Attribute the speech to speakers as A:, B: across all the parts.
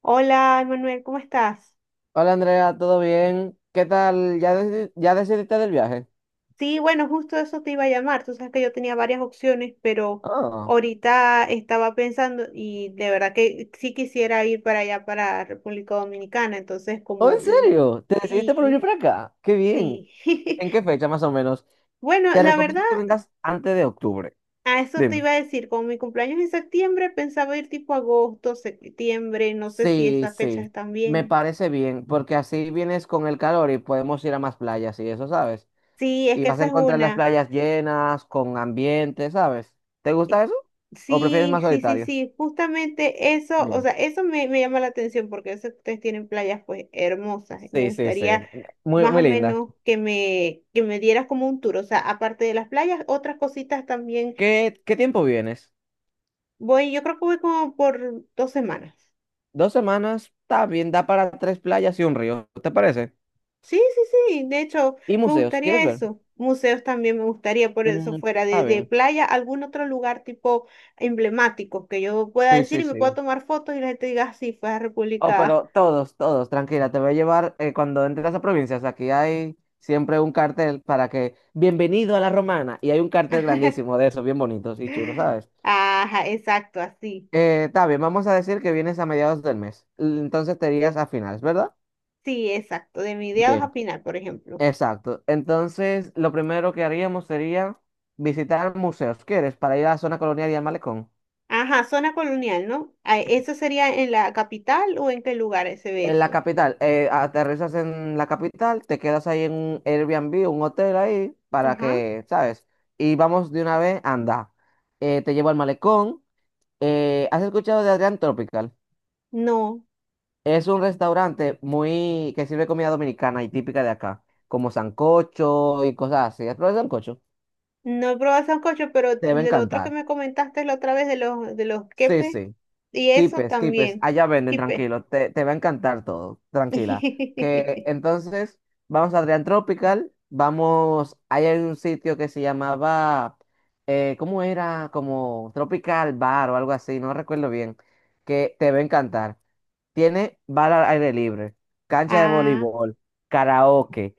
A: Hola, Manuel, ¿cómo estás?
B: Hola Andrea, ¿todo bien? ¿Qué tal? ¿Ya, ya decidiste del viaje?
A: Sí, bueno, justo eso te iba a llamar. Tú sabes que yo tenía varias opciones, pero
B: Ah.
A: ahorita estaba pensando y de verdad que sí quisiera ir para allá, para República Dominicana. Entonces,
B: Oh, ¿en
A: como
B: serio? ¿Te decidiste por venir
A: sí,
B: para acá? ¡Qué bien!
A: sí.
B: ¿En qué fecha más o menos?
A: Bueno,
B: Te
A: la verdad,
B: recomiendo que vengas antes de octubre.
A: a eso te
B: Dime.
A: iba a decir. Como mi cumpleaños es en septiembre, pensaba ir tipo agosto, septiembre. No sé si
B: Sí,
A: esas fechas
B: sí,
A: están
B: me
A: bien.
B: parece bien, porque así vienes con el calor y podemos ir a más playas y eso, ¿sabes?
A: Sí, es
B: Y
A: que
B: vas a
A: esa es
B: encontrar las
A: una.
B: playas llenas, con ambiente, ¿sabes? ¿Te
A: Eh,
B: gusta eso? ¿O prefieres más
A: Sí, sí, sí,
B: solitario?
A: sí, justamente eso, o
B: Bien.
A: sea, eso me llama la atención porque yo sé que ustedes tienen playas pues hermosas me
B: Sí, sí, sí.
A: gustaría
B: Muy,
A: más o
B: muy lindas.
A: menos que que me dieras como un tour, o sea, aparte de las playas, otras cositas también.
B: ¿Qué tiempo vienes?
A: Yo creo que voy como por dos semanas.
B: Dos semanas, está bien, da para tres playas y un río, ¿te parece?
A: Sí, sí, sí, de hecho,
B: Y
A: me
B: museos, ¿quieres
A: gustaría
B: ver?
A: eso. Museos también me gustaría, por eso
B: Mm,
A: fuera
B: está
A: de
B: bien.
A: playa, algún otro lugar tipo emblemático que yo pueda
B: Sí,
A: decir
B: sí,
A: y me pueda
B: sí.
A: tomar fotos y la gente diga, "Ah, sí, fue a
B: Oh,
A: República".
B: pero todos, todos, tranquila, te voy a llevar cuando entres a provincias. Aquí hay siempre un cartel para que, bienvenido a La Romana, y hay un cartel grandísimo de esos, bien bonitos y chulos, ¿sabes?
A: Ajá, exacto, así.
B: Está bien, vamos a decir que vienes a mediados del mes, entonces te irías a finales, ¿verdad?
A: Sí, exacto. De mediados a
B: Bien,
A: final, por ejemplo.
B: exacto. Entonces, lo primero que haríamos sería visitar museos, ¿quieres? Para ir a la zona colonial y al malecón.
A: Ajá, zona colonial, ¿no? Ah, ¿eso sería en la capital o en qué lugar se ve
B: En la
A: eso?
B: capital, aterrizas en la capital, te quedas ahí en un Airbnb, un hotel ahí, para
A: Ajá.
B: que, ¿sabes? Y vamos de una vez, anda. Te llevo al malecón. ¿has escuchado de Adrián Tropical?
A: No,
B: Es un restaurante muy que sirve comida dominicana y típica de acá, como sancocho y cosas así. ¿Has probado el sancocho?
A: no he probado sancocho, pero
B: Te debe
A: el otro que
B: encantar.
A: me comentaste la otra vez de los
B: Sí,
A: quepes
B: sí.
A: y eso
B: Quipes, Quipes,
A: también.
B: allá venden,
A: Quipe.
B: tranquilo, te va a encantar todo, tranquila. Que entonces vamos a Adrián Tropical, vamos, ahí hay un sitio que se llamaba, ¿cómo era? Como Tropical Bar o algo así, no recuerdo bien, que te va a encantar. Tiene bar al aire libre, cancha de
A: Ah,
B: voleibol, karaoke,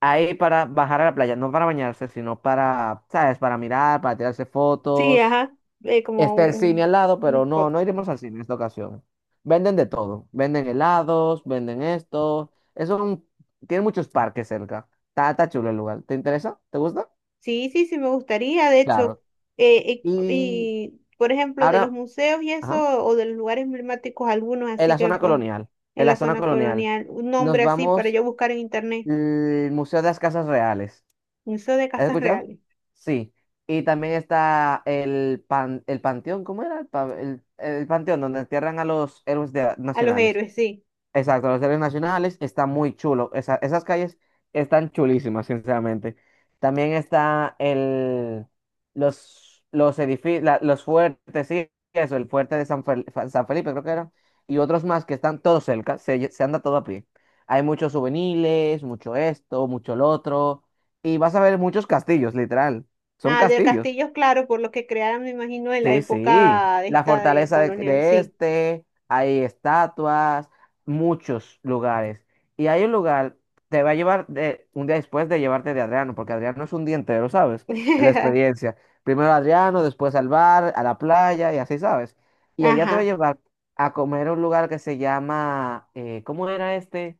B: ahí para bajar a la playa, no para bañarse, sino para, ¿sabes? Para mirar, para tirarse
A: sí,
B: fotos.
A: ajá. eh, como
B: Está el cine
A: un,
B: al lado,
A: un
B: pero
A: escote.
B: no iremos al cine en esta ocasión. Venden de todo. Venden helados, venden esto. Es un… Tiene muchos parques cerca. Está chulo el lugar. ¿Te interesa? ¿Te gusta?
A: Sí, sí, sí, me gustaría. De hecho,
B: Claro. Y
A: y, por ejemplo, de los
B: ahora,
A: museos y
B: ajá,
A: eso, o de los lugares emblemáticos, algunos
B: en
A: así
B: la
A: que
B: zona
A: pues
B: colonial. En
A: en
B: la
A: la
B: zona
A: zona
B: colonial.
A: colonial, un
B: Nos
A: nombre así para
B: vamos
A: yo buscar en internet.
B: al Museo de las Casas Reales.
A: Museo de
B: ¿Has
A: Casas
B: escuchado?
A: Reales,
B: Sí. Y también está el panteón, ¿cómo era? El panteón donde entierran a los
A: a los
B: nacionales.
A: héroes, sí.
B: Exacto, los héroes nacionales está muy chulo. Esas calles están chulísimas, sinceramente. También está los edificios, los fuertes, sí, eso, el fuerte de San Felipe, creo que era, y otros más que están todos cerca, se, se anda todo a pie. Hay muchos juveniles, mucho esto, mucho lo otro, y vas a ver muchos castillos, literal. Son
A: Ah, de
B: castillos.
A: castillos, claro, por lo que crearon, me imagino, en la
B: Sí, sí,
A: época de
B: la
A: esta de
B: fortaleza
A: colonial,
B: de
A: sí.
B: este, hay estatuas, muchos lugares. Y hay un lugar, te va a llevar un día después de llevarte de Adriano, porque Adriano es un día entero, ¿sabes? La experiencia. Primero Adriano, después al bar, a la playa y así, ¿sabes? Y allá te va a
A: Ajá,
B: llevar a comer a un lugar que se llama, ¿cómo era este?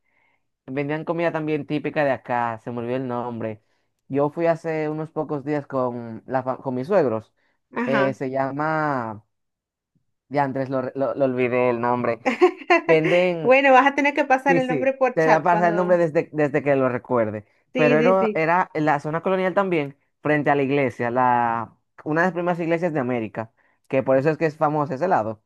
B: Vendían comida también típica de acá, se me olvidó el nombre. Yo fui hace unos pocos días con, con mis suegros.
A: ajá.
B: Se llama, ya antes lo olvidé el nombre. Venden.
A: Bueno, vas a tener que pasar
B: Sí,
A: el nombre
B: sí,
A: por
B: te voy a
A: chat
B: pasar el nombre
A: cuando...
B: desde, desde que lo recuerde. Pero
A: Sí, sí, sí.
B: era en la zona colonial también, frente a la iglesia, la, una de las primeras iglesias de América, que por eso es que es famoso ese lado.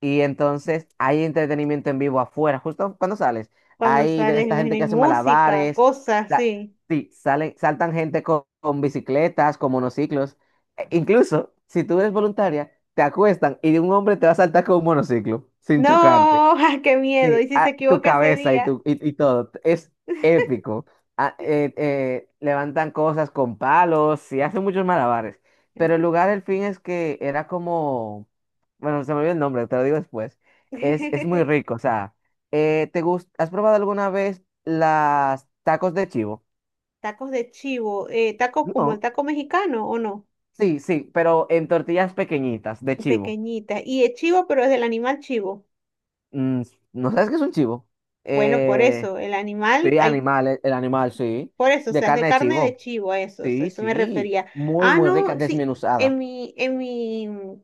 B: Y entonces hay entretenimiento en vivo afuera, justo cuando sales.
A: Cuando
B: Hay de
A: sales, me
B: esta
A: imagino,
B: gente
A: hay
B: que hace
A: música,
B: malabares,
A: cosas
B: la-
A: así.
B: sí, salen, saltan gente con bicicletas, con monociclos. Incluso, si tú eres voluntaria, te acuestan y un hombre te va a saltar con un monociclo, sin chocarte.
A: No, qué miedo. Y
B: Sí,
A: si se
B: ah, tu
A: equivoca ese
B: cabeza
A: día.
B: y todo. Es épico. Levantan cosas con palos y hacen muchos malabares. Pero el lugar, el fin es que era como… Bueno, se me olvidó el nombre, te lo digo después. Es muy rico, o sea, ¿Has probado alguna vez las tacos de chivo?
A: Tacos de chivo, tacos como el
B: No.
A: taco mexicano o no,
B: Sí, sí, pero en tortillas pequeñitas de chivo.
A: pequeñitas. Y el chivo, pero es del animal chivo.
B: Mm, ¿no sabes qué es un chivo?
A: Bueno, por
B: Eh,
A: eso, el animal,
B: sí,
A: hay,
B: animal, el animal, sí.
A: por eso, o
B: De
A: sea, es de
B: carne de
A: carne de
B: chivo.
A: chivo, a eso, o sea,
B: Sí,
A: eso me
B: sí,
A: refería.
B: muy,
A: Ah,
B: muy rica,
A: no, sí, en
B: desmenuzada.
A: mi, en mi,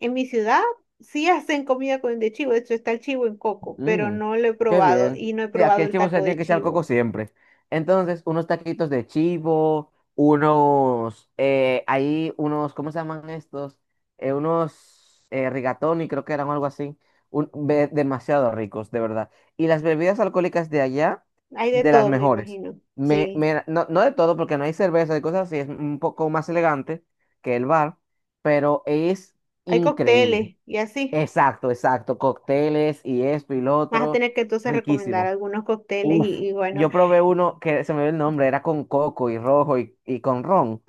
A: en mi ciudad sí hacen comida con de chivo, de hecho está el chivo en coco, pero
B: Mm,
A: no lo he
B: qué
A: probado
B: bien.
A: y no he
B: Sí, aquí
A: probado
B: el
A: el
B: chivo se
A: taco
B: tiene
A: de
B: que ser al coco
A: chivo.
B: siempre. Entonces, unos taquitos de chivo, unos, ahí, unos, ¿cómo se llaman estos? Unos rigatoni, creo que eran o algo así. Demasiado ricos, de verdad. Y las bebidas alcohólicas de allá,
A: Hay de
B: de las
A: todo, me
B: mejores.
A: imagino. Sí,
B: No, no de todo, porque no hay cerveza y cosas así, es un poco más elegante que el bar, pero es
A: hay
B: increíble.
A: cócteles y así.
B: Exacto, exacto. Cócteles y esto y lo
A: Vas a
B: otro.
A: tener que entonces recomendar
B: Riquísimo.
A: algunos cócteles
B: Uf.
A: y bueno,
B: Yo probé uno que se me ve el nombre, era con coco y rojo y con ron.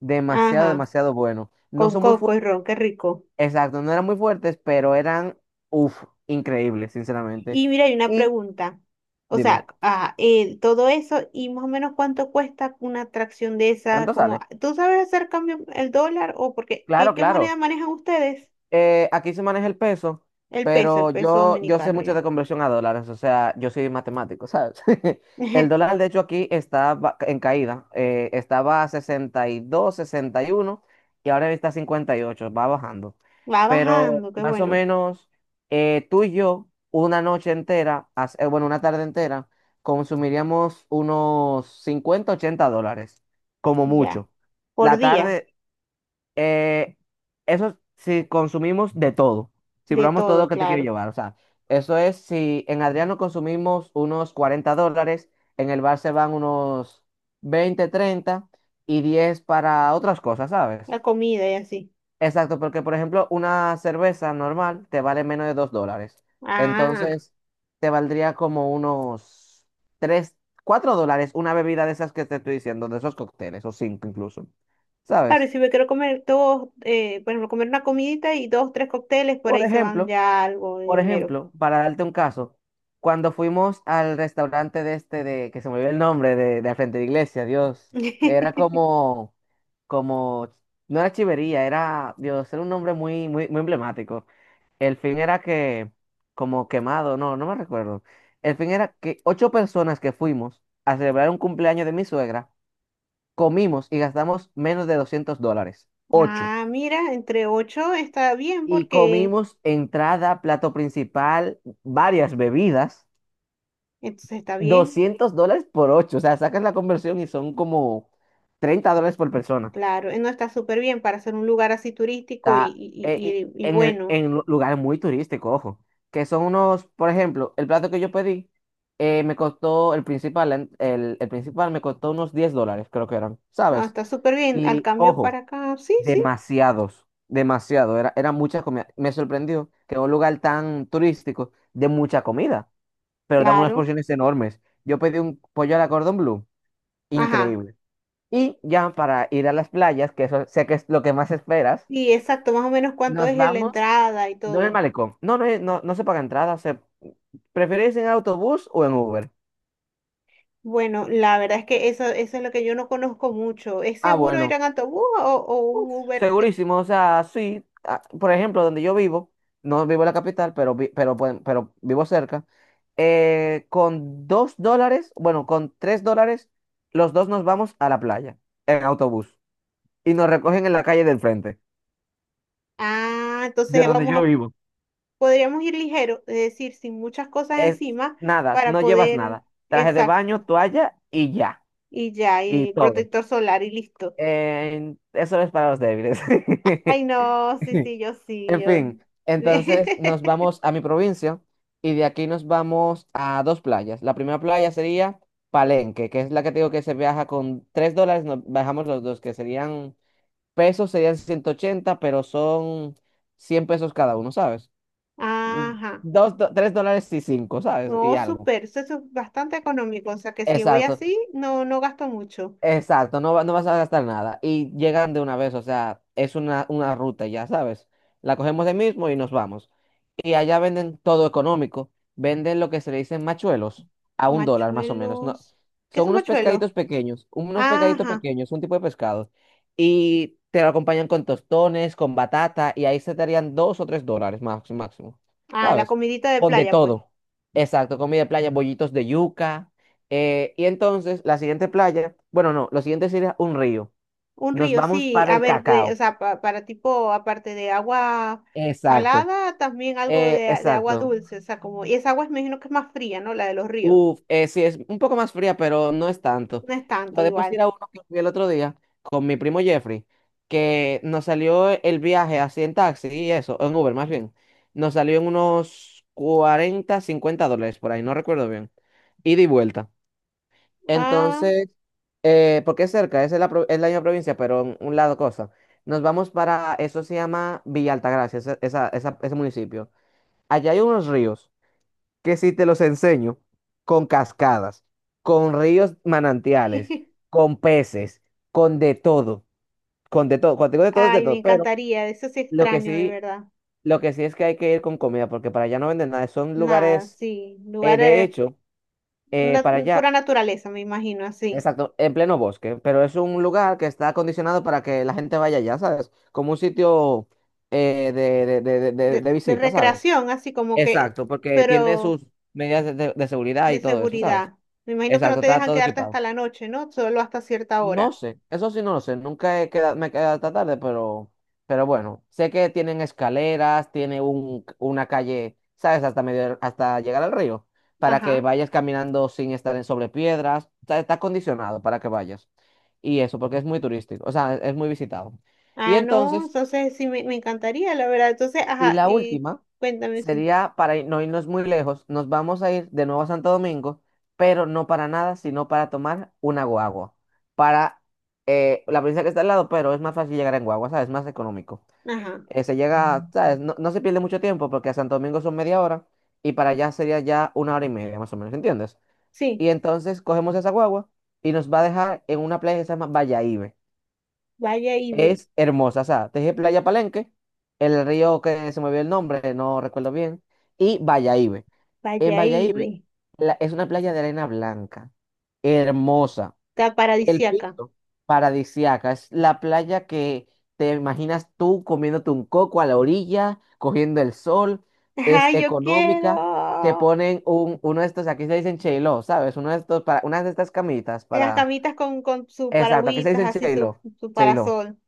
B: Demasiado,
A: ajá,
B: demasiado bueno. No
A: con
B: son muy
A: coco y
B: fuertes,
A: ron, qué rico.
B: exacto, no eran muy fuertes, pero eran, uf, increíbles, sinceramente.
A: Y mira, hay una
B: Y
A: pregunta. O
B: dime,
A: sea, todo eso y más o menos cuánto cuesta una atracción de esa,
B: ¿cuánto
A: como,
B: sale?
A: ¿tú sabes hacer cambio el dólar o porque
B: Claro,
A: qué
B: claro.
A: moneda manejan ustedes?
B: Aquí se maneja el peso,
A: El
B: pero
A: peso
B: yo sé
A: dominicano
B: mucho de
A: ya.
B: conversión a dólares, o sea, yo soy matemático, ¿sabes? El dólar, de hecho, aquí está en caída, estaba a 62, 61 y ahora está a 58, va bajando.
A: Va
B: Pero
A: bajando, qué
B: más o
A: bueno,
B: menos tú y yo, una noche entera, una tarde entera, consumiríamos unos 50 80 dólares, como
A: ya.
B: mucho.
A: Por
B: La
A: día,
B: tarde, eh, eso si consumimos de todo, si
A: de
B: probamos todo lo
A: todo,
B: que te quiero
A: claro.
B: llevar. O sea, eso es si en Adriano consumimos unos $40, en el bar se van unos 20, 30 y 10 para otras cosas, ¿sabes?
A: La comida y así.
B: Exacto, porque por ejemplo una cerveza normal te vale menos de $2.
A: Ah,
B: Entonces te valdría como unos 3, $4 una bebida de esas que te estoy diciendo, de esos cócteles, o 5 incluso,
A: claro, y
B: ¿sabes?
A: si me quiero comer dos, por ejemplo, comer una comidita y dos, tres cócteles, por
B: Por
A: ahí se van
B: ejemplo…
A: ya algo de
B: Por
A: dinero.
B: ejemplo, para darte un caso, cuando fuimos al restaurante de este, de, que se me olvidó el nombre, de al frente de la iglesia, Dios, era como, como, no era chivería, era, Dios, era un nombre muy, muy, muy emblemático. El fin era que, como quemado, no, no me recuerdo. El fin era que ocho personas que fuimos a celebrar un cumpleaños de mi suegra, comimos y gastamos menos de $200. Ocho.
A: Ah, mira, entre ocho está bien
B: Y
A: porque
B: comimos entrada, plato principal, varias bebidas.
A: entonces está bien,
B: $200 por 8, o sea, sacas la conversión y son como $30 por persona.
A: claro, no está súper bien para ser un lugar así turístico y,
B: Está,
A: y,
B: eh,
A: y,
B: y
A: y y
B: en, el-
A: bueno,
B: en lu- lugares muy turísticos, ojo, que son unos, por ejemplo, el plato que yo pedí me costó, el principal, el principal me costó unos $10, creo que eran,
A: no,
B: ¿sabes?
A: está súper bien. Al
B: Y
A: cambio para
B: ojo,
A: acá, sí, sí,
B: demasiados, demasiado, era mucha comida. Me sorprendió que en un lugar tan turístico de mucha comida, pero dan unas
A: claro,
B: porciones enormes. Yo pedí un pollo a la cordon bleu,
A: ajá,
B: increíble. Y ya para ir a las playas, que eso sé que es lo que más esperas,
A: y exacto, más o menos cuánto
B: nos
A: es la
B: vamos,
A: entrada y
B: no en el
A: todo.
B: malecón. No, no, no, no se paga entrada, se… ¿Preferís en autobús o en Uber?
A: Bueno, la verdad es que eso es lo que yo no conozco mucho. ¿Es
B: Ah,
A: seguro ir
B: bueno,
A: en autobús o un Uber?
B: segurísimo, o sea, sí, ah, por ejemplo, donde yo vivo, no vivo en la capital, pero, pero, pero vivo cerca, con $2, bueno, con $3, los dos nos vamos a la playa, en autobús, y nos recogen en la calle del frente,
A: Ah,
B: de
A: entonces
B: donde
A: vamos
B: yo
A: a,
B: vivo.
A: podríamos ir ligero, es decir, sin muchas cosas
B: Es
A: encima
B: nada,
A: para
B: no llevas
A: poder,
B: nada. Traje de baño,
A: exacto,
B: toalla y ya.
A: y ya,
B: Y
A: y
B: todo.
A: protector solar y listo.
B: Eso es para los débiles.
A: Ay, no, sí, sí, yo sí,
B: En
A: yo.
B: fin, entonces nos vamos a mi provincia y de aquí nos vamos a dos playas. La primera playa sería Palenque, que es la que te digo que se viaja con $3, nos bajamos los dos, que serían pesos, serían 180 pero son 100 pesos cada uno, ¿sabes? Mm.
A: Ajá,
B: Tres dólares y cinco, ¿sabes? Y
A: no,
B: algo.
A: súper, eso es bastante económico, o sea que si voy
B: Exacto.
A: así, no, no gasto mucho.
B: Exacto, no, no vas a gastar nada. Y llegan de una vez, o sea, es una ruta, ya sabes. La cogemos de mismo y nos vamos. Y allá venden todo económico. Venden lo que se le dicen machuelos a un dólar más o menos. No,
A: Machuelos, ¿qué
B: son
A: son machuelos?
B: unos pescaditos
A: Ajá.
B: pequeños, un tipo de pescado. Y te lo acompañan con tostones, con batata, y ahí se te harían dos o tres dólares máximo, máximo.
A: Ah, la
B: ¿Sabes?
A: comidita de
B: Con de
A: playa, pues.
B: todo. Exacto, comida de playa, bollitos de yuca. Y entonces, la siguiente playa, bueno, no, lo siguiente sería un río.
A: Un
B: Nos
A: río,
B: vamos
A: sí.
B: para
A: A
B: el
A: ver,
B: cacao.
A: o sea, para tipo, aparte de agua
B: Exacto,
A: salada, también algo de agua
B: exacto.
A: dulce. O sea, como, y esa agua me imagino que es más fría, ¿no? La de los ríos.
B: Uf, sí, es un poco más fría, pero no es tanto.
A: No es tanto
B: Podemos ir
A: igual.
B: a uno que fui el otro día con mi primo Jeffrey, que nos salió el viaje así en taxi y eso, en Uber más bien. Nos salió en unos 40, 50 dólares por ahí, no recuerdo bien. Ida y vuelta.
A: Ah,
B: Entonces, porque es cerca, es en la, es la misma provincia, pero en un lado cosa. Nos vamos para, eso se llama Villa Altagracia, ese, ese municipio. Allá hay unos ríos que si te los enseño, con cascadas, con ríos manantiales, con peces, con de todo, con de todo, cuando digo de todo es de
A: ay, me
B: todo. Pero
A: encantaría. Eso sí
B: lo que
A: extraño, de
B: sí,
A: verdad.
B: lo que sí es que hay que ir con comida, porque para allá no venden nada, son
A: Nada,
B: lugares.
A: sí.
B: eh,
A: Lugar,
B: de hecho, para
A: pura
B: allá,
A: naturaleza, me imagino, así.
B: exacto, en pleno bosque, pero es un lugar que está acondicionado para que la gente vaya allá, ¿sabes? Como un sitio de, de, de, de, de de
A: De
B: visita, ¿sabes?
A: recreación, así como que,
B: Exacto, porque tiene
A: pero
B: sus medidas de seguridad
A: de
B: y todo eso, ¿sabes?
A: seguridad. Me imagino que no
B: Exacto,
A: te
B: está
A: dejan
B: todo
A: quedarte
B: equipado.
A: hasta la noche, ¿no? Solo hasta cierta
B: No
A: hora.
B: sé, eso sí no lo sé, nunca me he quedado hasta tarde, pero bueno, sé que tienen escaleras, tiene un, una calle, ¿sabes? Hasta medio, hasta llegar al río, para que
A: Ajá.
B: vayas caminando sin estar en sobre piedras, está, está acondicionado para que vayas. Y eso, porque es muy turístico, o sea, es muy visitado. Y
A: Ah, no,
B: entonces,
A: entonces sí, me encantaría, la verdad. Entonces,
B: Y
A: ajá,
B: la
A: y
B: última
A: cuéntame, sí.
B: sería, no irnos muy lejos, nos vamos a ir de nuevo a Santo Domingo, pero no para nada, sino para tomar una guagua. Para la provincia que está al lado, pero es más fácil llegar en guagua, ¿sabes? Es más económico.
A: Ajá,
B: Se llega, ¿sabes? No, no se pierde mucho tiempo porque a Santo Domingo son media hora y para allá sería ya una hora y media, más o menos, ¿entiendes?
A: sí,
B: Y entonces cogemos esa guagua y nos va a dejar en una playa que se llama Bayahibe.
A: vaya y ve,
B: Es hermosa, o sea, te dije Playa Palenque, el río que se me vio el nombre, no recuerdo bien, y Bayahibe. En
A: vaya y
B: Bayahibe
A: ve.
B: es una playa de arena blanca, hermosa,
A: Está
B: el
A: paradisiaca.
B: piso paradisiaca, es la playa que te imaginas tú comiéndote un coco a la orilla, cogiendo el sol,
A: Ajá,
B: es
A: yo quiero
B: económica, te ponen un, uno de estos, aquí se dicen cheiló, ¿sabes? Uno de estos, para, una de estas camitas
A: las
B: para,
A: camitas con sus
B: exacto, aquí se
A: paragüitas,
B: dicen
A: así
B: cheiló,
A: su
B: cheiló.
A: parasol.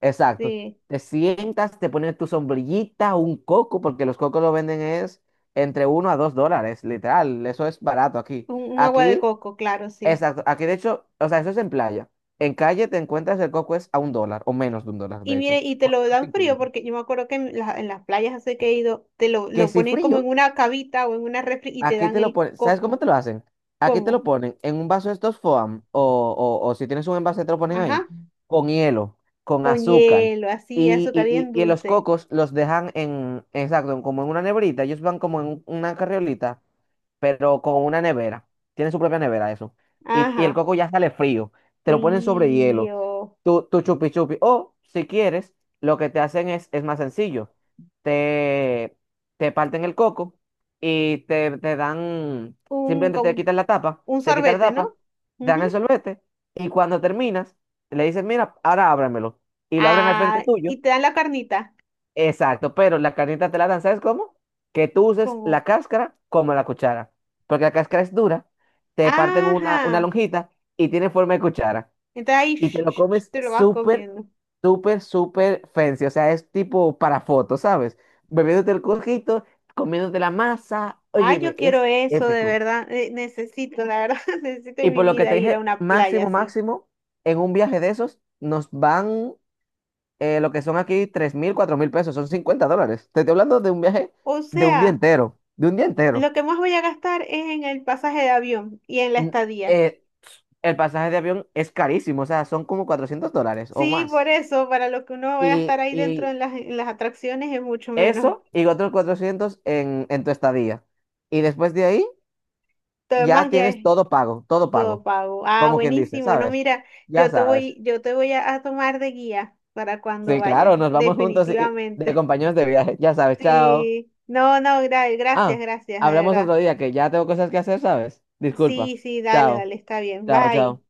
B: Exacto.
A: Sí,
B: Te sientas, te pones tu sombrillita, un coco, porque los cocos lo venden es entre uno a 2 dólares, literal. Eso es barato aquí.
A: un agua de
B: Aquí,
A: coco, claro, sí.
B: exacto. Aquí, de hecho, o sea, eso es en playa. En calle te encuentras el coco es a un dólar o menos de un dólar,
A: Y
B: de hecho.
A: mire, y te
B: ¿Cuánto?
A: lo dan frío,
B: 50.
A: porque yo me acuerdo que en las playas hace que he ido,
B: Que
A: lo
B: si
A: ponen como en
B: frío.
A: una cavita o en una refri y te
B: Aquí
A: dan
B: te lo
A: el
B: ponen, ¿sabes cómo
A: coco.
B: te lo hacen? Aquí te lo
A: ¿Cómo?
B: ponen en un vaso de estos foam o, o si tienes un envase te lo ponen ahí
A: Ajá.
B: con hielo, con
A: Con
B: azúcar
A: hielo, así,
B: y,
A: azúcar bien
B: y, y los
A: dulce.
B: cocos los dejan en, exacto, como en una nebrita, ellos van como en una carriolita pero con una nevera. Tiene su propia nevera eso. Y el
A: Ajá,
B: coco ya sale frío. Te lo ponen sobre hielo.
A: frío.
B: Tu chupi chupi. O si quieres, lo que te hacen es más sencillo. Te, te parten el coco y te dan,
A: Un,
B: simplemente te
A: con,
B: quitan la tapa,
A: un
B: te quitan la
A: sorbete, ¿no?
B: tapa, te dan el
A: Ujú.
B: sorbete y cuando terminas, le dices, mira, ahora ábramelo. Y lo abren al frente
A: Ah,
B: tuyo.
A: y te dan la carnita.
B: Exacto, pero la carnita te la dan, ¿sabes cómo? Que tú uses la
A: ¿Cómo?
B: cáscara como la cuchara, porque la cáscara es dura, te parten una
A: Ajá.
B: lonjita y tiene forma de cuchara,
A: Entonces ahí
B: y te lo comes
A: te lo vas
B: súper,
A: comiendo.
B: súper, súper fancy, o sea, es tipo para fotos, ¿sabes? Bebiéndote el cojito, comiéndote la masa,
A: Ay,
B: óyeme,
A: yo quiero
B: es
A: eso, de
B: épico.
A: verdad. Necesito, la verdad, necesito
B: Y
A: en mi
B: por lo que
A: vida
B: te
A: ir a
B: dije,
A: una playa
B: máximo,
A: así.
B: máximo, en un viaje de esos nos van lo que son aquí 3.000, 4.000 pesos, son 50 dólares. Te estoy hablando de un viaje
A: O
B: de un día
A: sea,
B: entero, de un día entero.
A: lo que más voy a gastar es en el pasaje de avión y en la
B: Mm,
A: estadía.
B: eh, el pasaje de avión es carísimo, o sea, son como 400 dólares o
A: Sí, por
B: más.
A: eso, para lo que uno vaya a estar
B: Y,
A: ahí dentro
B: y
A: en en las atracciones es mucho menos.
B: eso y otros 400 en tu estadía. Y después de ahí
A: Todo
B: ya
A: demás ya
B: tienes
A: es
B: todo
A: todo
B: pago,
A: pago. Ah,
B: como quien dice,
A: buenísimo. No,
B: ¿sabes?
A: mira,
B: Ya sabes.
A: yo te voy a tomar de guía para cuando
B: Sí,
A: vayas,
B: claro, nos vamos juntos y de
A: definitivamente.
B: compañeros de viaje, ya sabes, chao.
A: Sí, no, no, gracias,
B: Ah,
A: gracias, de
B: hablamos
A: verdad.
B: otro día que ya tengo cosas que hacer, ¿sabes? Disculpa.
A: Sí, sí, dale,
B: Chao,
A: dale, está bien.
B: chao,
A: Bye.
B: chao.